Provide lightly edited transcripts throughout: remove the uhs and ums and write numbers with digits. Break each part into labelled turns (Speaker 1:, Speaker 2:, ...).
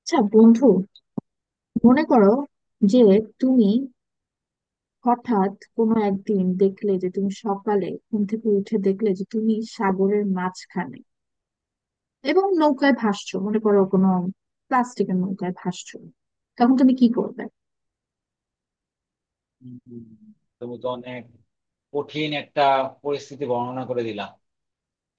Speaker 1: আচ্ছা বন্ধু, মনে করো যে তুমি হঠাৎ কোনো একদিন দেখলে যে তুমি সকালে ঘুম থেকে উঠে দেখলে যে তুমি সাগরের মাঝখানে এবং নৌকায় ভাসছো। মনে করো কোনো প্লাস্টিকের নৌকায় ভাসছো। তখন তুমি কি করবে?
Speaker 2: হুম, তুমি তো অনেক কঠিন একটা পরিস্থিতি বর্ণনা করে দিলা।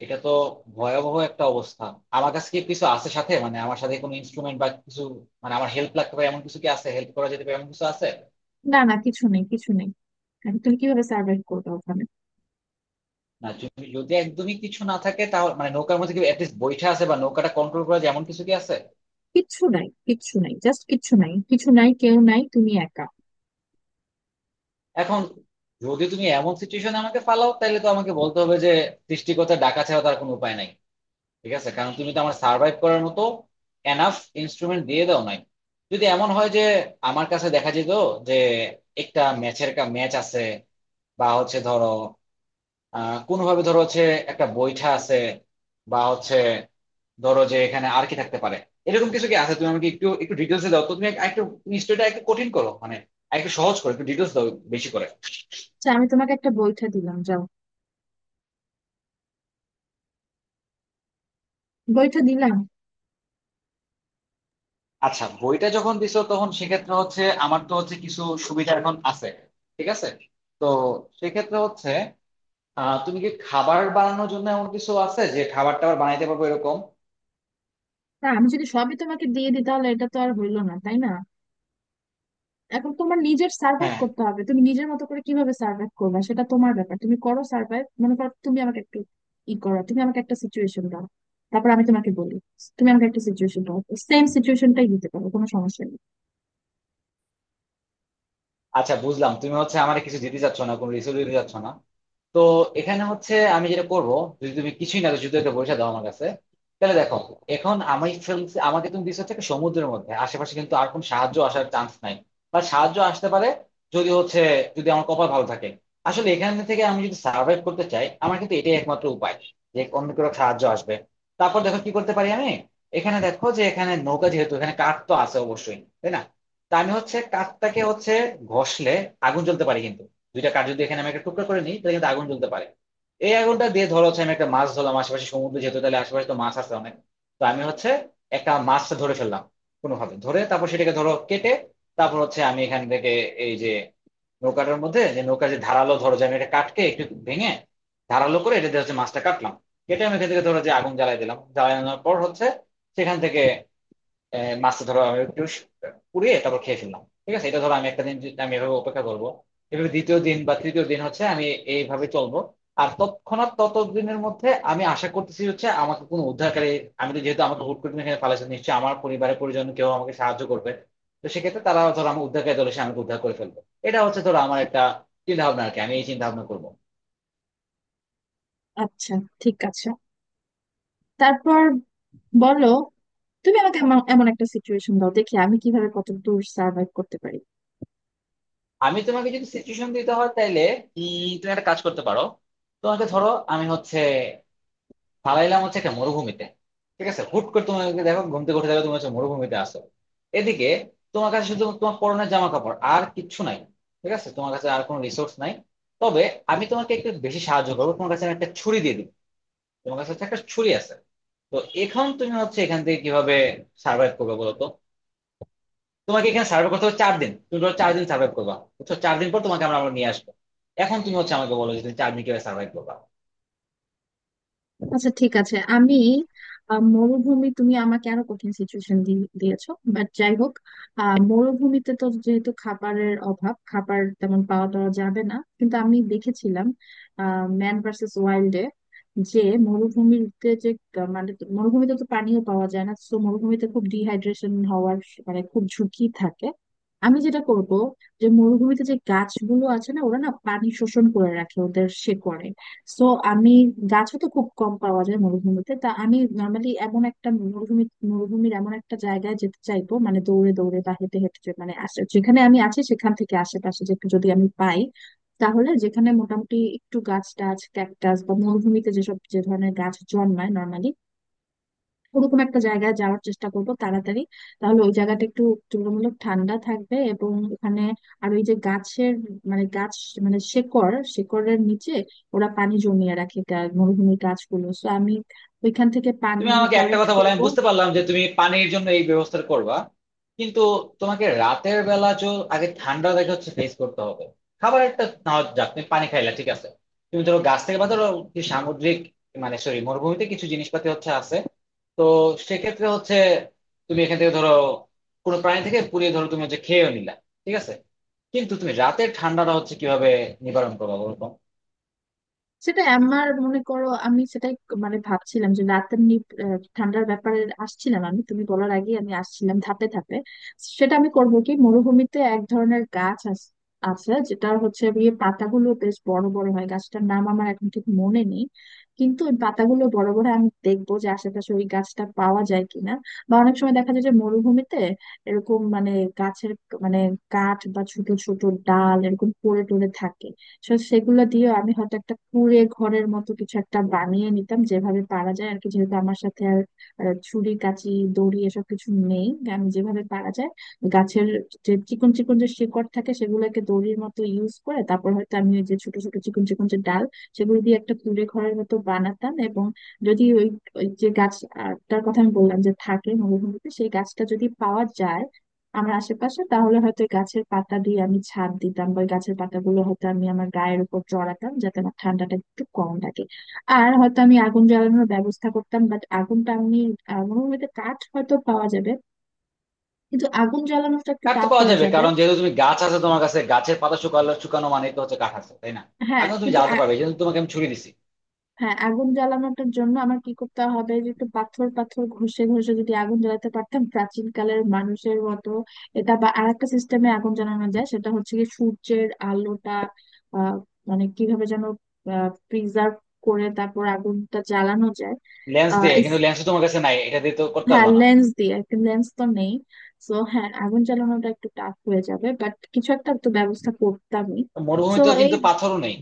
Speaker 2: এটা তো ভয়াবহ একটা অবস্থা। আমার কাছে কি কিছু আছে সাথে? মানে আমার সাথে কোনো ইনস্ট্রুমেন্ট বা কিছু, মানে আমার হেল্প লাগতে পারে এমন কিছু কি আছে, হেল্প করা যেতে পারে এমন কিছু আছে?
Speaker 1: না, না, কিছু নেই, কিছু নেই। এখন তুমি কিভাবে সার্ভাইভ করবে ওখানে?
Speaker 2: না, যদি যদি একদমই কিছু না থাকে, তাহলে মানে নৌকার মধ্যে কি অ্যাটলিস্ট বৈঠা আছে, বা নৌকাটা কন্ট্রোল করা যায় এমন কিছু কি আছে?
Speaker 1: কিচ্ছু নাই, কিচ্ছু নাই, জাস্ট কিচ্ছু নাই, কিছু নাই, কেউ নাই, তুমি একা।
Speaker 2: এখন যদি তুমি এমন সিচুয়েশনে আমাকে ফালাও, তাহলে তো আমাকে বলতে হবে যে সৃষ্টিকর্তা ডাকা ছাড়া তার কোনো উপায় নাই। ঠিক আছে, কারণ তুমি তো আমার সার্ভাইভ করার মতো এনাফ ইনস্ট্রুমেন্ট দিয়ে দাও নাই। যদি এমন হয় যে আমার কাছে দেখা যেত যে একটা ম্যাচ আছে, বা হচ্ছে ধরো কোনোভাবে ধরো হচ্ছে একটা বৈঠা আছে, বা হচ্ছে ধরো, যে এখানে আর কি থাকতে পারে এরকম কিছু কি আছে? তুমি আমাকে একটু একটু ডিটেলসে দাও তো, তুমি একটু স্টোরিটা একটু কঠিন করো, মানে একটু সহজ করো, একটু ডিটেলস দাও বেশি করে।
Speaker 1: আচ্ছা, আমি তোমাকে একটা বইটা দিলাম, যাও। বইটা দিলাম।
Speaker 2: আচ্ছা, বইটা যখন দিছো, তখন সেক্ষেত্রে হচ্ছে আমার তো হচ্ছে কিছু সুবিধা এখন আছে। ঠিক আছে। তো সেক্ষেত্রে হচ্ছে, তুমি কি খাবার বানানোর জন্য এমন কিছু আছে যে খাবার টাবার বানাইতে পারবো এরকম?
Speaker 1: তা আমি যদি সবই তোমাকে দিয়ে দিই তাহলে এটা তো আর হইলো না, তাই না? এখন তোমার নিজের সার্ভাইভ
Speaker 2: হ্যাঁ।
Speaker 1: করতে হবে। তুমি নিজের মতো করে কিভাবে সার্ভাইভ করবে সেটা তোমার ব্যাপার। তুমি করো সার্ভাইভ। মনে করো, তুমি আমাকে একটু করো। তুমি আমাকে একটা সিচুয়েশন দাও, তারপর আমি তোমাকে বলি। তুমি আমাকে একটা সিচুয়েশন দাও, সেম সিচুয়েশনটাই দিতে পারো, কোনো সমস্যা নেই।
Speaker 2: আচ্ছা, বুঝলাম তুমি হচ্ছে আমার কিছু দিতে চাচ্ছ না, কোনো রিসোর্স দিতে চাচ্ছ না। তো এখানে হচ্ছে আমি যেটা করব, যদি তুমি কিছুই না, যদি এটা বসে দাও আমার কাছে, তাহলে দেখো, এখন আমি ফেলছি, আমাকে তুমি দিচ্ছ হচ্ছে একটা সমুদ্রের মধ্যে, আশেপাশে কিন্তু আর কোন সাহায্য আসার চান্স নাই, বা সাহায্য আসতে পারে যদি হচ্ছে, যদি আমার কপাল ভালো থাকে। আসলে এখান থেকে আমি যদি সার্ভাইভ করতে চাই, আমার কিন্তু এটাই একমাত্র উপায়, যে অন্য কোনো সাহায্য আসবে। তারপর দেখো কি করতে পারি আমি। এখানে দেখো যে এখানে নৌকা যেহেতু, এখানে কাঠ তো আছে অবশ্যই, তাই না? তা আমি হচ্ছে কাঠটাকে হচ্ছে ঘষলে আগুন জ্বলতে পারি। কিন্তু দুইটা কাঠ যদি এখানে আমি একটা টুকরা করে নিই, তাহলে কিন্তু আগুন জ্বলতে পারে। এই আগুনটা দিয়ে ধরো হচ্ছে আমি একটা মাছ ধরলাম, আশেপাশে সমুদ্র যেহেতু, তাহলে আশেপাশে তো মাছ আছে অনেক। তো আমি হচ্ছে একটা মাছ ধরে ফেললাম কোনোভাবে ধরে, তারপর সেটাকে ধরো কেটে, তারপর হচ্ছে আমি এখান থেকে, এই যে নৌকাটার মধ্যে যে নৌকার যে ধারালো, ধরো যে আমি এটা কাটকে একটু ভেঙে ধারালো করে, এটা দিয়ে হচ্ছে মাছটা কাটলাম। কেটে আমি এখান থেকে ধরো যে আগুন জ্বালাই দিলাম, জ্বালানোর পর হচ্ছে সেখান থেকে, মাছটা ধরো আমি একটু পুড়িয়ে তারপর খেয়ে ফেললাম। ঠিক আছে, এটা ধরো আমি একটা দিন আমি এভাবে অপেক্ষা করব। এভাবে দ্বিতীয় দিন বা তৃতীয় দিন হচ্ছে আমি এইভাবে চলবো। আর তৎক্ষণাৎ ততদিনের মধ্যে আমি আশা করতেছি হচ্ছে আমাকে কোনো উদ্ধারকারী, আমি তো যেহেতু, আমাকে হুট করে তুমি এখানে পালাইছো, নিশ্চয়ই আমার পরিবারের পরিজন কেউ আমাকে সাহায্য করবে। তো সেক্ষেত্রে তারা ধরো আমার উদ্ধারকারী দল এসে আমাকে উদ্ধার করে ফেলবে। এটা হচ্ছে ধরো আমার একটা চিন্তা ভাবনা আর কি, আমি এই চিন্তা ভাবনা করবো।
Speaker 1: আচ্ছা, ঠিক আছে। তারপর বলো। তুমি আমাকে এমন এমন একটা সিচুয়েশন দাও, দেখি আমি কিভাবে কত দূর সার্ভাইভ করতে পারি।
Speaker 2: আমি তোমাকে যদি সিচুয়েশন দিতে হয় তাইলে, তুমি একটা কাজ করতে পারো। তোমাকে ধরো আমি হচ্ছে পালাইলাম হচ্ছে একটা মরুভূমিতে। ঠিক আছে, হুট করে তোমাকে, দেখো ঘুম থেকে উঠে দেখো তুমি হচ্ছে মরুভূমিতে আসো এদিকে। তোমার কাছে শুধু তোমার পরনের জামা কাপড়, আর কিচ্ছু নাই। ঠিক আছে, তোমার কাছে আর কোনো রিসোর্স নাই। তবে আমি তোমাকে একটু বেশি সাহায্য করবো, তোমার কাছে আমি একটা ছুরি দিয়ে দিই। তোমার কাছে হচ্ছে একটা ছুরি আছে। তো এখন তুমি হচ্ছে এখান থেকে কিভাবে সার্ভাইভ করবে বলো তো? তোমাকে এখানে সার্ভাইভ করতে হবে চার দিন। তুমি ধরো চার দিন সার্ভাইভ করবা, বুঝছো? চার দিন পর তোমাকে আমরা আমরা নিয়ে আসবো। এখন তুমি হচ্ছে আমাকে বলো যে তুমি চার দিন কিভাবে সার্ভাইভ করবা।
Speaker 1: আচ্ছা, ঠিক আছে। আমি মরুভূমি, তুমি আমাকে আরো কঠিন সিচুয়েশন দিয়েছো, বাট যাই হোক। মরুভূমিতে তো যেহেতু খাবারের অভাব, খাবার তেমন পাওয়া টাওয়া যাবে না, কিন্তু আমি দেখেছিলাম ম্যান ভার্সেস ওয়াইল্ডে যে মরুভূমিতে যে মানে মরুভূমিতে তো পানিও পাওয়া যায় না। তো মরুভূমিতে খুব ডিহাইড্রেশন হওয়ার মানে খুব ঝুঁকি থাকে। আমি যেটা করব, যে মরুভূমিতে যে গাছগুলো আছে না, ওরা না পানি শোষণ করে রাখে ওদের শেকড়ে। সো আমি, গাছও তো খুব কম পাওয়া যায় মরুভূমিতে, তা আমি নর্মালি এমন একটা মরুভূমির এমন একটা জায়গায় যেতে চাইবো, মানে দৌড়ে দৌড়ে বা হেঁটে হেঁটে মানে যেখানে আমি আছি সেখান থেকে আশেপাশে যেটু যদি আমি পাই, তাহলে যেখানে মোটামুটি একটু গাছ টাছ, ক্যাকটাস বা মরুভূমিতে যেসব, যে ধরনের গাছ জন্মায় নর্মালি, ওরকম একটা জায়গায় যাওয়ার চেষ্টা করব তাড়াতাড়ি। তাহলে ওই জায়গাটা একটু তুলনামূলক ঠান্ডা থাকবে এবং ওখানে, আর ওই যে গাছের, মানে গাছ, মানে শেকড়, শেকড়ের নিচে ওরা পানি জমিয়ে রাখে, মরুভূমির গাছগুলো, তো আমি ওইখান থেকে পানি
Speaker 2: তুমি আমাকে একটা
Speaker 1: কালেক্ট
Speaker 2: কথা বলো,
Speaker 1: করব।
Speaker 2: আমি বুঝতে পারলাম যে তুমি পানির জন্য এই ব্যবস্থা করবা, কিন্তু তোমাকে রাতের বেলা আগে ঠান্ডা দেখে হচ্ছে ফেস করতে হবে। খাবার একটা না হয় যাক, তুমি পানি খাইলা, ঠিক আছে। তুমি ধরো গাছ থেকে বা ধরো কি সামুদ্রিক, মানে সরি মরুভূমিতে কিছু জিনিসপাতি হচ্ছে আছে। তো সেক্ষেত্রে হচ্ছে তুমি এখান থেকে ধরো কোনো প্রাণী থেকে পুড়িয়ে ধরো তুমি হচ্ছে খেয়েও নিলা, ঠিক আছে। কিন্তু তুমি রাতের ঠান্ডাটা হচ্ছে কিভাবে নিবারণ করবো বলো?
Speaker 1: সেটা আমার, মনে করো, আমি সেটাই মানে ভাবছিলাম, যে রাতের ঠান্ডার ব্যাপারে আসছিলাম। আমি তুমি বলার আগে আমি আসছিলাম ধাপে ধাপে। সেটা আমি করবো কি, মরুভূমিতে এক ধরনের গাছ আছে, যেটা হচ্ছে পাতাগুলো বেশ বড় বড় হয়। গাছটার নাম আমার এখন ঠিক মনে নেই, কিন্তু ওই পাতাগুলো বড় বড় হয়। আমি দেখবো যে আশেপাশে ওই গাছটা পাওয়া যায় কিনা। বা অনেক সময় দেখা যায় যে মরুভূমিতে এরকম, মানে গাছের, মানে কাঠ বা ছোট ছোট ডাল এরকম পড়ে টড়ে থাকে। সো সেগুলো দিয়ে আমি হয়তো একটা কুঁড়ে ঘরের মতো কিছু একটা বানিয়ে নিতাম, যেভাবে পারা যায় আর কি, যেহেতু আমার সাথে আর ছুরি, কাঁচি, দড়ি এসব কিছু নেই। আমি যেভাবে পারা যায়, গাছের যে চিকন চিকন যে শিকড় থাকে, সেগুলোকে দড়ির মতো ইউজ করে তারপর হয়তো আমি ওই যে ছোট ছোট চিকন চিকন যে ডাল, সেগুলো দিয়ে একটা কুঁড়ে ঘরের মতো বানাতাম। এবং যদি ওই ওই যে গাছটার কথা আমি বললাম যে থাকে মরুভূমিতে, সেই গাছটা যদি পাওয়া যায় আমার আশেপাশে, তাহলে হয়তো ওই গাছের পাতা দিয়ে আমি ছাদ দিতাম, বা ওই গাছের পাতাগুলো হয়তো আমি আমার গায়ের উপর চড়াতাম, যাতে আমার ঠান্ডাটা একটু কম লাগে। আর হয়তো আমি আগুন জ্বালানোর ব্যবস্থা করতাম, বাট আগুনটা আমি, মরুভূমিতে কাঠ হয়তো পাওয়া যাবে কিন্তু আগুন জ্বালানোটা একটু
Speaker 2: কাঠ তো
Speaker 1: টাফ
Speaker 2: পাওয়া
Speaker 1: হয়ে
Speaker 2: যাবে,
Speaker 1: যাবে।
Speaker 2: কারণ যেহেতু তুমি গাছ আছে তোমার কাছে, গাছের পাতা শুকালো শুকানো মানে তো হচ্ছে কাঠ আছে, তাই না?
Speaker 1: হ্যাঁ,
Speaker 2: আগে তুমি
Speaker 1: কিন্তু
Speaker 2: জ্বালাতে পারবে, কিন্তু তোমাকে আমি ছুরি দিছি।
Speaker 1: হ্যাঁ, আগুন জ্বালানোটার জন্য আমার কি করতে হবে, যে একটু পাথর পাথর ঘষে ঘষে যদি আগুন জ্বালাতে পারতাম প্রাচীন কালের মানুষের মতো, এটা বা আরেকটা সিস্টেমে আগুন জ্বালানো যায়, সেটা হচ্ছে কি সূর্যের আলোটা আহ মানে কিভাবে যেন প্রিজার্ভ করে তারপর আগুনটা জ্বালানো যায়।
Speaker 2: লেন্স
Speaker 1: আহ
Speaker 2: দিয়ে, কিন্তু
Speaker 1: ইস-
Speaker 2: লেন্স তোমার কাছে নাই, এটা দিয়ে তো করতে
Speaker 1: হ্যাঁ,
Speaker 2: পারবে না।
Speaker 1: লেন্স দিয়ে একটা লেন্স তো নেই। তো হ্যাঁ, আগুন জ্বালানোটা একটু টাফ হয়ে যাবে, বাট কিছু একটা তো ব্যবস্থা করতামই। তো
Speaker 2: মরুভূমিতেও কিন্তু পাথরও নেই।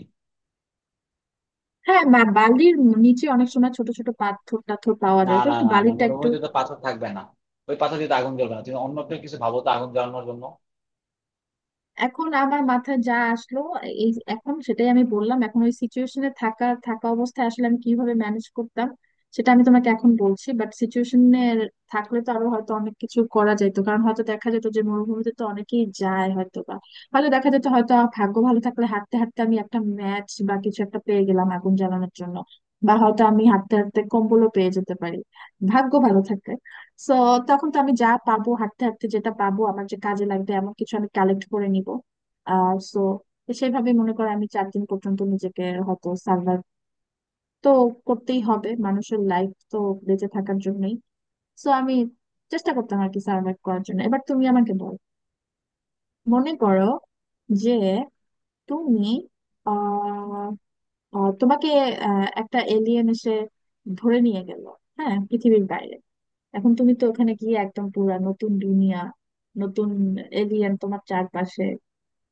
Speaker 1: হ্যাঁ, বা বালির নিচে অনেক সময় ছোট ছোট পাথর টাথর পাওয়া
Speaker 2: না
Speaker 1: যায়, তো
Speaker 2: না
Speaker 1: একটু
Speaker 2: না না,
Speaker 1: বালিটা একটু।
Speaker 2: মরুভূমিতে তো পাথর থাকবে না। ওই পাথর দিয়ে তো আগুন জ্বলবে না, তুমি অন্য একটা কিছু ভাবো তো আগুন জ্বালানোর জন্য।
Speaker 1: এখন আমার মাথায় যা আসলো, এই এখন সেটাই আমি বললাম। এখন ওই সিচুয়েশনে থাকা থাকা অবস্থায় আসলে আমি কিভাবে ম্যানেজ করতাম সেটা আমি তোমাকে এখন বলছি, বাট সিচুয়েশনে থাকলে তো আরো হয়তো অনেক কিছু করা যেত, কারণ হয়তো দেখা যেত যে মরুভূমিতে তো অনেকেই যায় হয়তো, বা হয়তো দেখা যেত, হয়তো আমার ভাগ্য ভালো থাকলে হাঁটতে হাঁটতে আমি একটা ম্যাচ বা কিছু একটা পেয়ে গেলাম আগুন জ্বালানোর জন্য। বা হয়তো আমি হাঁটতে হাঁটতে কম্বলও পেয়ে যেতে পারি, ভাগ্য ভালো থাকে। সো তখন তো আমি যা পাবো হাঁটতে হাঁটতে, যেটা পাবো আমার যে কাজে লাগবে এমন কিছু, আমি কালেক্ট করে নিব। আর সো সেভাবে মনে করো আমি 4 দিন পর্যন্ত নিজেকে হয়তো সার্ভাইভ, তো করতেই হবে, মানুষের লাইফ তো বেঁচে থাকার জন্যই। সো আমি চেষ্টা করতাম আর কি, সার্ভাইভ করার জন্য। এবার তুমি আমাকে বলো। মনে করো যে তুমি আহ তোমাকে একটা এলিয়েন এসে ধরে নিয়ে গেল, হ্যাঁ, পৃথিবীর বাইরে। এখন তুমি তো ওখানে গিয়ে একদম পুরা নতুন দুনিয়া, নতুন এলিয়েন তোমার চারপাশে,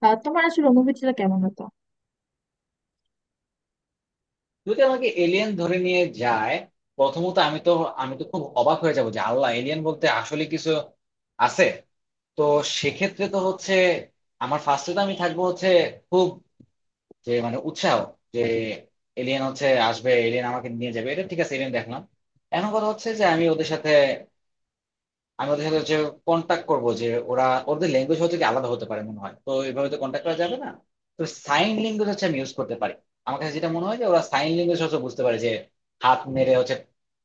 Speaker 1: তোমার আসলে অনুভূতিটা কেমন হতো?
Speaker 2: যদি আমাকে এলিয়েন ধরে নিয়ে যায়, প্রথমত আমি তো, আমি তো খুব অবাক হয়ে যাবো যে আল্লাহ এলিয়েন বলতে আসলে কিছু আছে। তো সেক্ষেত্রে তো হচ্ছে আমার ফার্স্টে তো আমি থাকবো হচ্ছে খুব, যে মানে উৎসাহ, যে এলিয়েন হচ্ছে আসবে, এলিয়েন আমাকে নিয়ে যাবে, এটা ঠিক আছে, এলিয়েন দেখলাম। এখন কথা হচ্ছে যে আমি ওদের সাথে হচ্ছে কন্ট্যাক্ট করব যে, ওরা ওদের ল্যাঙ্গুয়েজ হচ্ছে কি আলাদা হতে পারে মনে হয়, তো এইভাবে তো কন্ট্যাক্ট করা যাবে না। তো সাইন ল্যাঙ্গুয়েজ হচ্ছে আমি ইউজ করতে পারি। আমার কাছে যেটা মনে হয় যে ওরা সাইন ল্যাঙ্গুয়েজ হচ্ছে বুঝতে পারে, যে হাত মেরে হচ্ছে,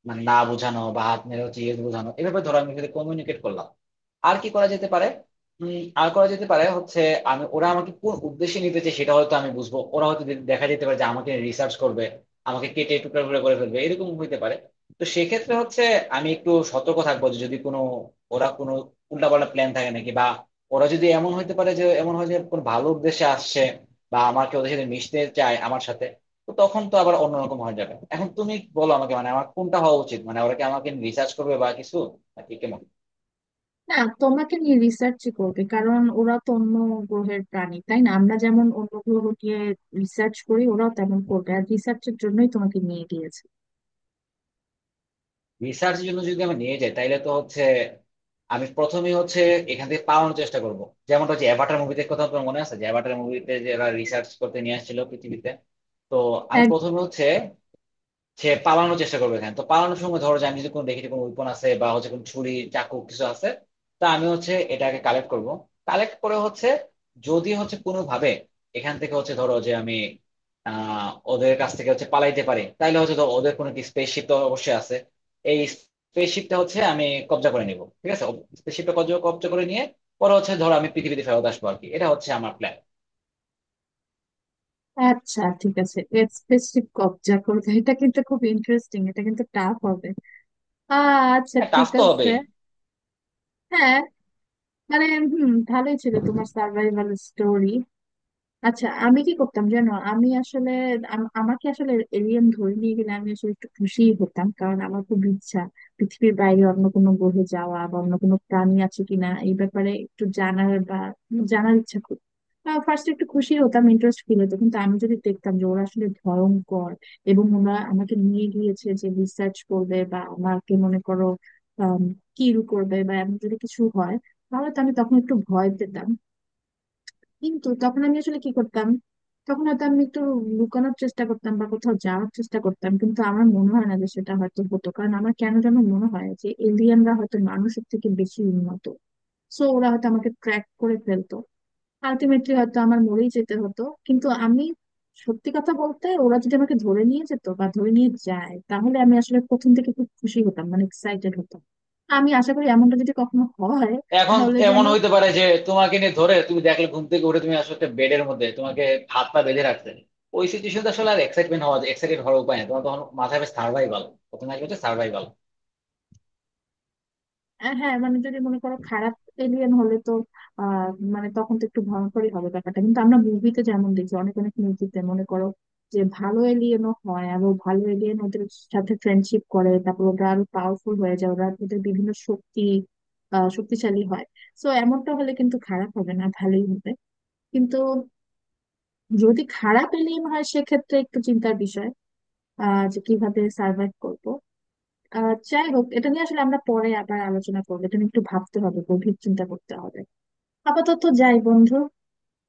Speaker 2: মানে না বোঝানো, বা হাত মেরে হচ্ছে ইয়ে বোঝানো, এভাবে ধরো আমি সাথে কমিউনিকেট করলাম। আর কি করা যেতে পারে? আর করা যেতে পারে হচ্ছে, আমি ওরা আমাকে কোন উদ্দেশ্যে নিতে চায় সেটা হয়তো আমি বুঝবো। ওরা হয়তো দেখা যেতে পারে যে আমাকে রিসার্চ করবে, আমাকে কেটে টুকরা টুকরা করে ফেলবে, এরকম হইতে পারে। তো সেক্ষেত্রে হচ্ছে আমি একটু সতর্ক থাকবো, যে যদি কোনো, ওরা কোনো উল্টাপাল্টা প্ল্যান থাকে নাকি, বা ওরা যদি এমন হইতে পারে যে এমন হয় যে কোনো ভালো উদ্দেশ্যে আসছে, বা আমাকে ওদের সাথে মিশতে চায় আমার সাথে। তো তখন তো আবার অন্যরকম হয়ে যাবে। এখন তুমি বলো আমাকে, মানে আমার কোনটা হওয়া উচিত, মানে ওরা কি আমাকে রিসার্চ করবে বা কিছু, নাকি কেমন?
Speaker 1: না, তোমাকে নিয়ে রিসার্চই করবে, কারণ ওরা তো অন্য গ্রহের প্রাণী, তাই না? আমরা যেমন অন্য গ্রহ নিয়ে রিসার্চ করি, ওরাও তেমন করবে, আর রিসার্চের জন্যই তোমাকে নিয়ে গিয়েছে।
Speaker 2: রিসার্চ জন্য যদি আমি নিয়ে যাই, তাইলে তো হচ্ছে আমি প্রথমেই হচ্ছে এখান থেকে পালানোর চেষ্টা করব। যেমন হচ্ছে অ্যাভাটার মুভিতে কথা আপনার মনে আছে, যে অ্যাভাটার মুভিতে যারা রিসার্চ করতে নিয়ে আসছিল পৃথিবীতে। তো আমি
Speaker 1: এক-
Speaker 2: প্রথমে হচ্ছে সে পালানোর চেষ্টা করবে। এখানে তো পালানোর সময় ধরো যে আমি যদি কোনো দেখি যে কোনো উইপন আছে, বা হচ্ছে কোনো ছুরি চাকু কিছু আছে, তা আমি হচ্ছে এটাকে কালেক্ট করব। কালেক্ট করে হচ্ছে যদি হচ্ছে কোনো ভাবে এখান থেকে হচ্ছে ধরো যে আমি, ওদের কাছ থেকে হচ্ছে পালাইতে পারি, তাইলে হচ্ছে ধরো ওদের কোনো স্পেসশিপ তো অবশ্যই আছে। এই স্পেসশিপটা হচ্ছে আমি কবজা করে নিব, ঠিক আছে। স্পেসশিপটা কবজা কবজা করে নিয়ে পরে হচ্ছে ধরো আমি পৃথিবীতে ফেরত আসবো আর কি, এটা হচ্ছে আমার প্ল্যান।
Speaker 1: আচ্ছা, ঠিক আছে। স্পেসশিপ কবজা করবে, এটা কিন্তু খুব ইন্টারেস্টিং, এটা কিন্তু টাফ হবে। আচ্ছা,
Speaker 2: হ্যাঁ, টাফ
Speaker 1: ঠিক
Speaker 2: তো
Speaker 1: আছে।
Speaker 2: হবেই।
Speaker 1: হ্যাঁ, মানে ভালোই ছিল তোমার সার্ভাইভাল স্টোরি। আচ্ছা, আমি কি করতাম জানো, আমি আসলে, আমাকে আসলে এলিয়েন ধরে নিয়ে গেলে আমি আসলে একটু খুশি হতাম, কারণ আমার খুব ইচ্ছা পৃথিবীর বাইরে অন্য কোনো গ্রহে যাওয়া বা অন্য কোনো প্রাণী আছে কিনা এই ব্যাপারে একটু জানার, বা জানার ইচ্ছা খুব। ফার্স্ট একটু খুশি হতাম, ইন্টারেস্ট ফিল হতো, কিন্তু আমি যদি দেখতাম যে ওরা আসলে ভয়ঙ্কর এবং ওরা আমাকে নিয়ে গিয়েছে যে রিসার্চ করবে বা আমাকে মনে করো কিল করবে বা এমন যদি কিছু হয়, তাহলে তো আমি তখন একটু ভয় পেতাম। কিন্তু তখন আমি আসলে কি করতাম, তখন হয়তো আমি একটু লুকানোর চেষ্টা করতাম বা কোথাও যাওয়ার চেষ্টা করতাম, কিন্তু আমার মনে হয় না যে সেটা হয়তো হতো, কারণ আমার কেন যেন মনে হয় যে এলিয়েনরা হয়তো মানুষের থেকে বেশি উন্নত। সো ওরা হয়তো আমাকে ট্র্যাক করে ফেলতো, আলটিমেটলি হয়তো আমার মরেই যেতে হতো। কিন্তু আমি সত্যি কথা বলতে, ওরা যদি আমাকে ধরে নিয়ে যেত বা ধরে নিয়ে যায় তাহলে আমি আসলে প্রথম থেকে খুব খুশি হতাম, মানে এক্সাইটেড হতাম। আমি আশা করি এমনটা যদি কখনো হয়
Speaker 2: এখন
Speaker 1: তাহলে যেন।
Speaker 2: এমন হইতে পারে যে তোমাকে নিয়ে ধরে তুমি দেখলে ঘুম থেকে উঠে তুমি আসলে একটা বেডের মধ্যে তোমাকে হাত পা বেঁধে রাখতে। ওই সিচুয়েশন আসলে আর এক্সাইটমেন্ট হওয়া, এক্সাইটেড হওয়ার উপায় নেই। তোমার তখন মাথায় সার্ভাইভাল প্রথমে আসবে, হচ্ছে সার্ভাইভাল।
Speaker 1: হ্যাঁ, মানে যদি মনে করো খারাপ এলিয়েন হলে তো, আহ মানে তখন তো একটু ভয়ঙ্করই হবে ব্যাপারটা, কিন্তু আমরা মুভিতে যেমন দেখি অনেক অনেক মুভিতে, মনে করো যে ভালো এলিয়েনও হয় এবং ভালো এলিয়েন ওদের সাথে ফ্রেন্ডশিপ করে, তারপর ওরা আরো পাওয়ারফুল হয়ে যায়, ওরা ওদের বিভিন্ন শক্তি, শক্তিশালী হয়। তো এমনটা হলে কিন্তু খারাপ হবে না, ভালোই হবে, কিন্তু যদি খারাপ এলিয়েন হয় সেক্ষেত্রে একটু চিন্তার বিষয়, যে কিভাবে সার্ভাইভ করব। যাই হোক, এটা নিয়ে আসলে আমরা পরে আবার আলোচনা করবো, তুমি একটু ভাবতে হবে, গভীর চিন্তা করতে হবে। আপাতত যাই, বন্ধু।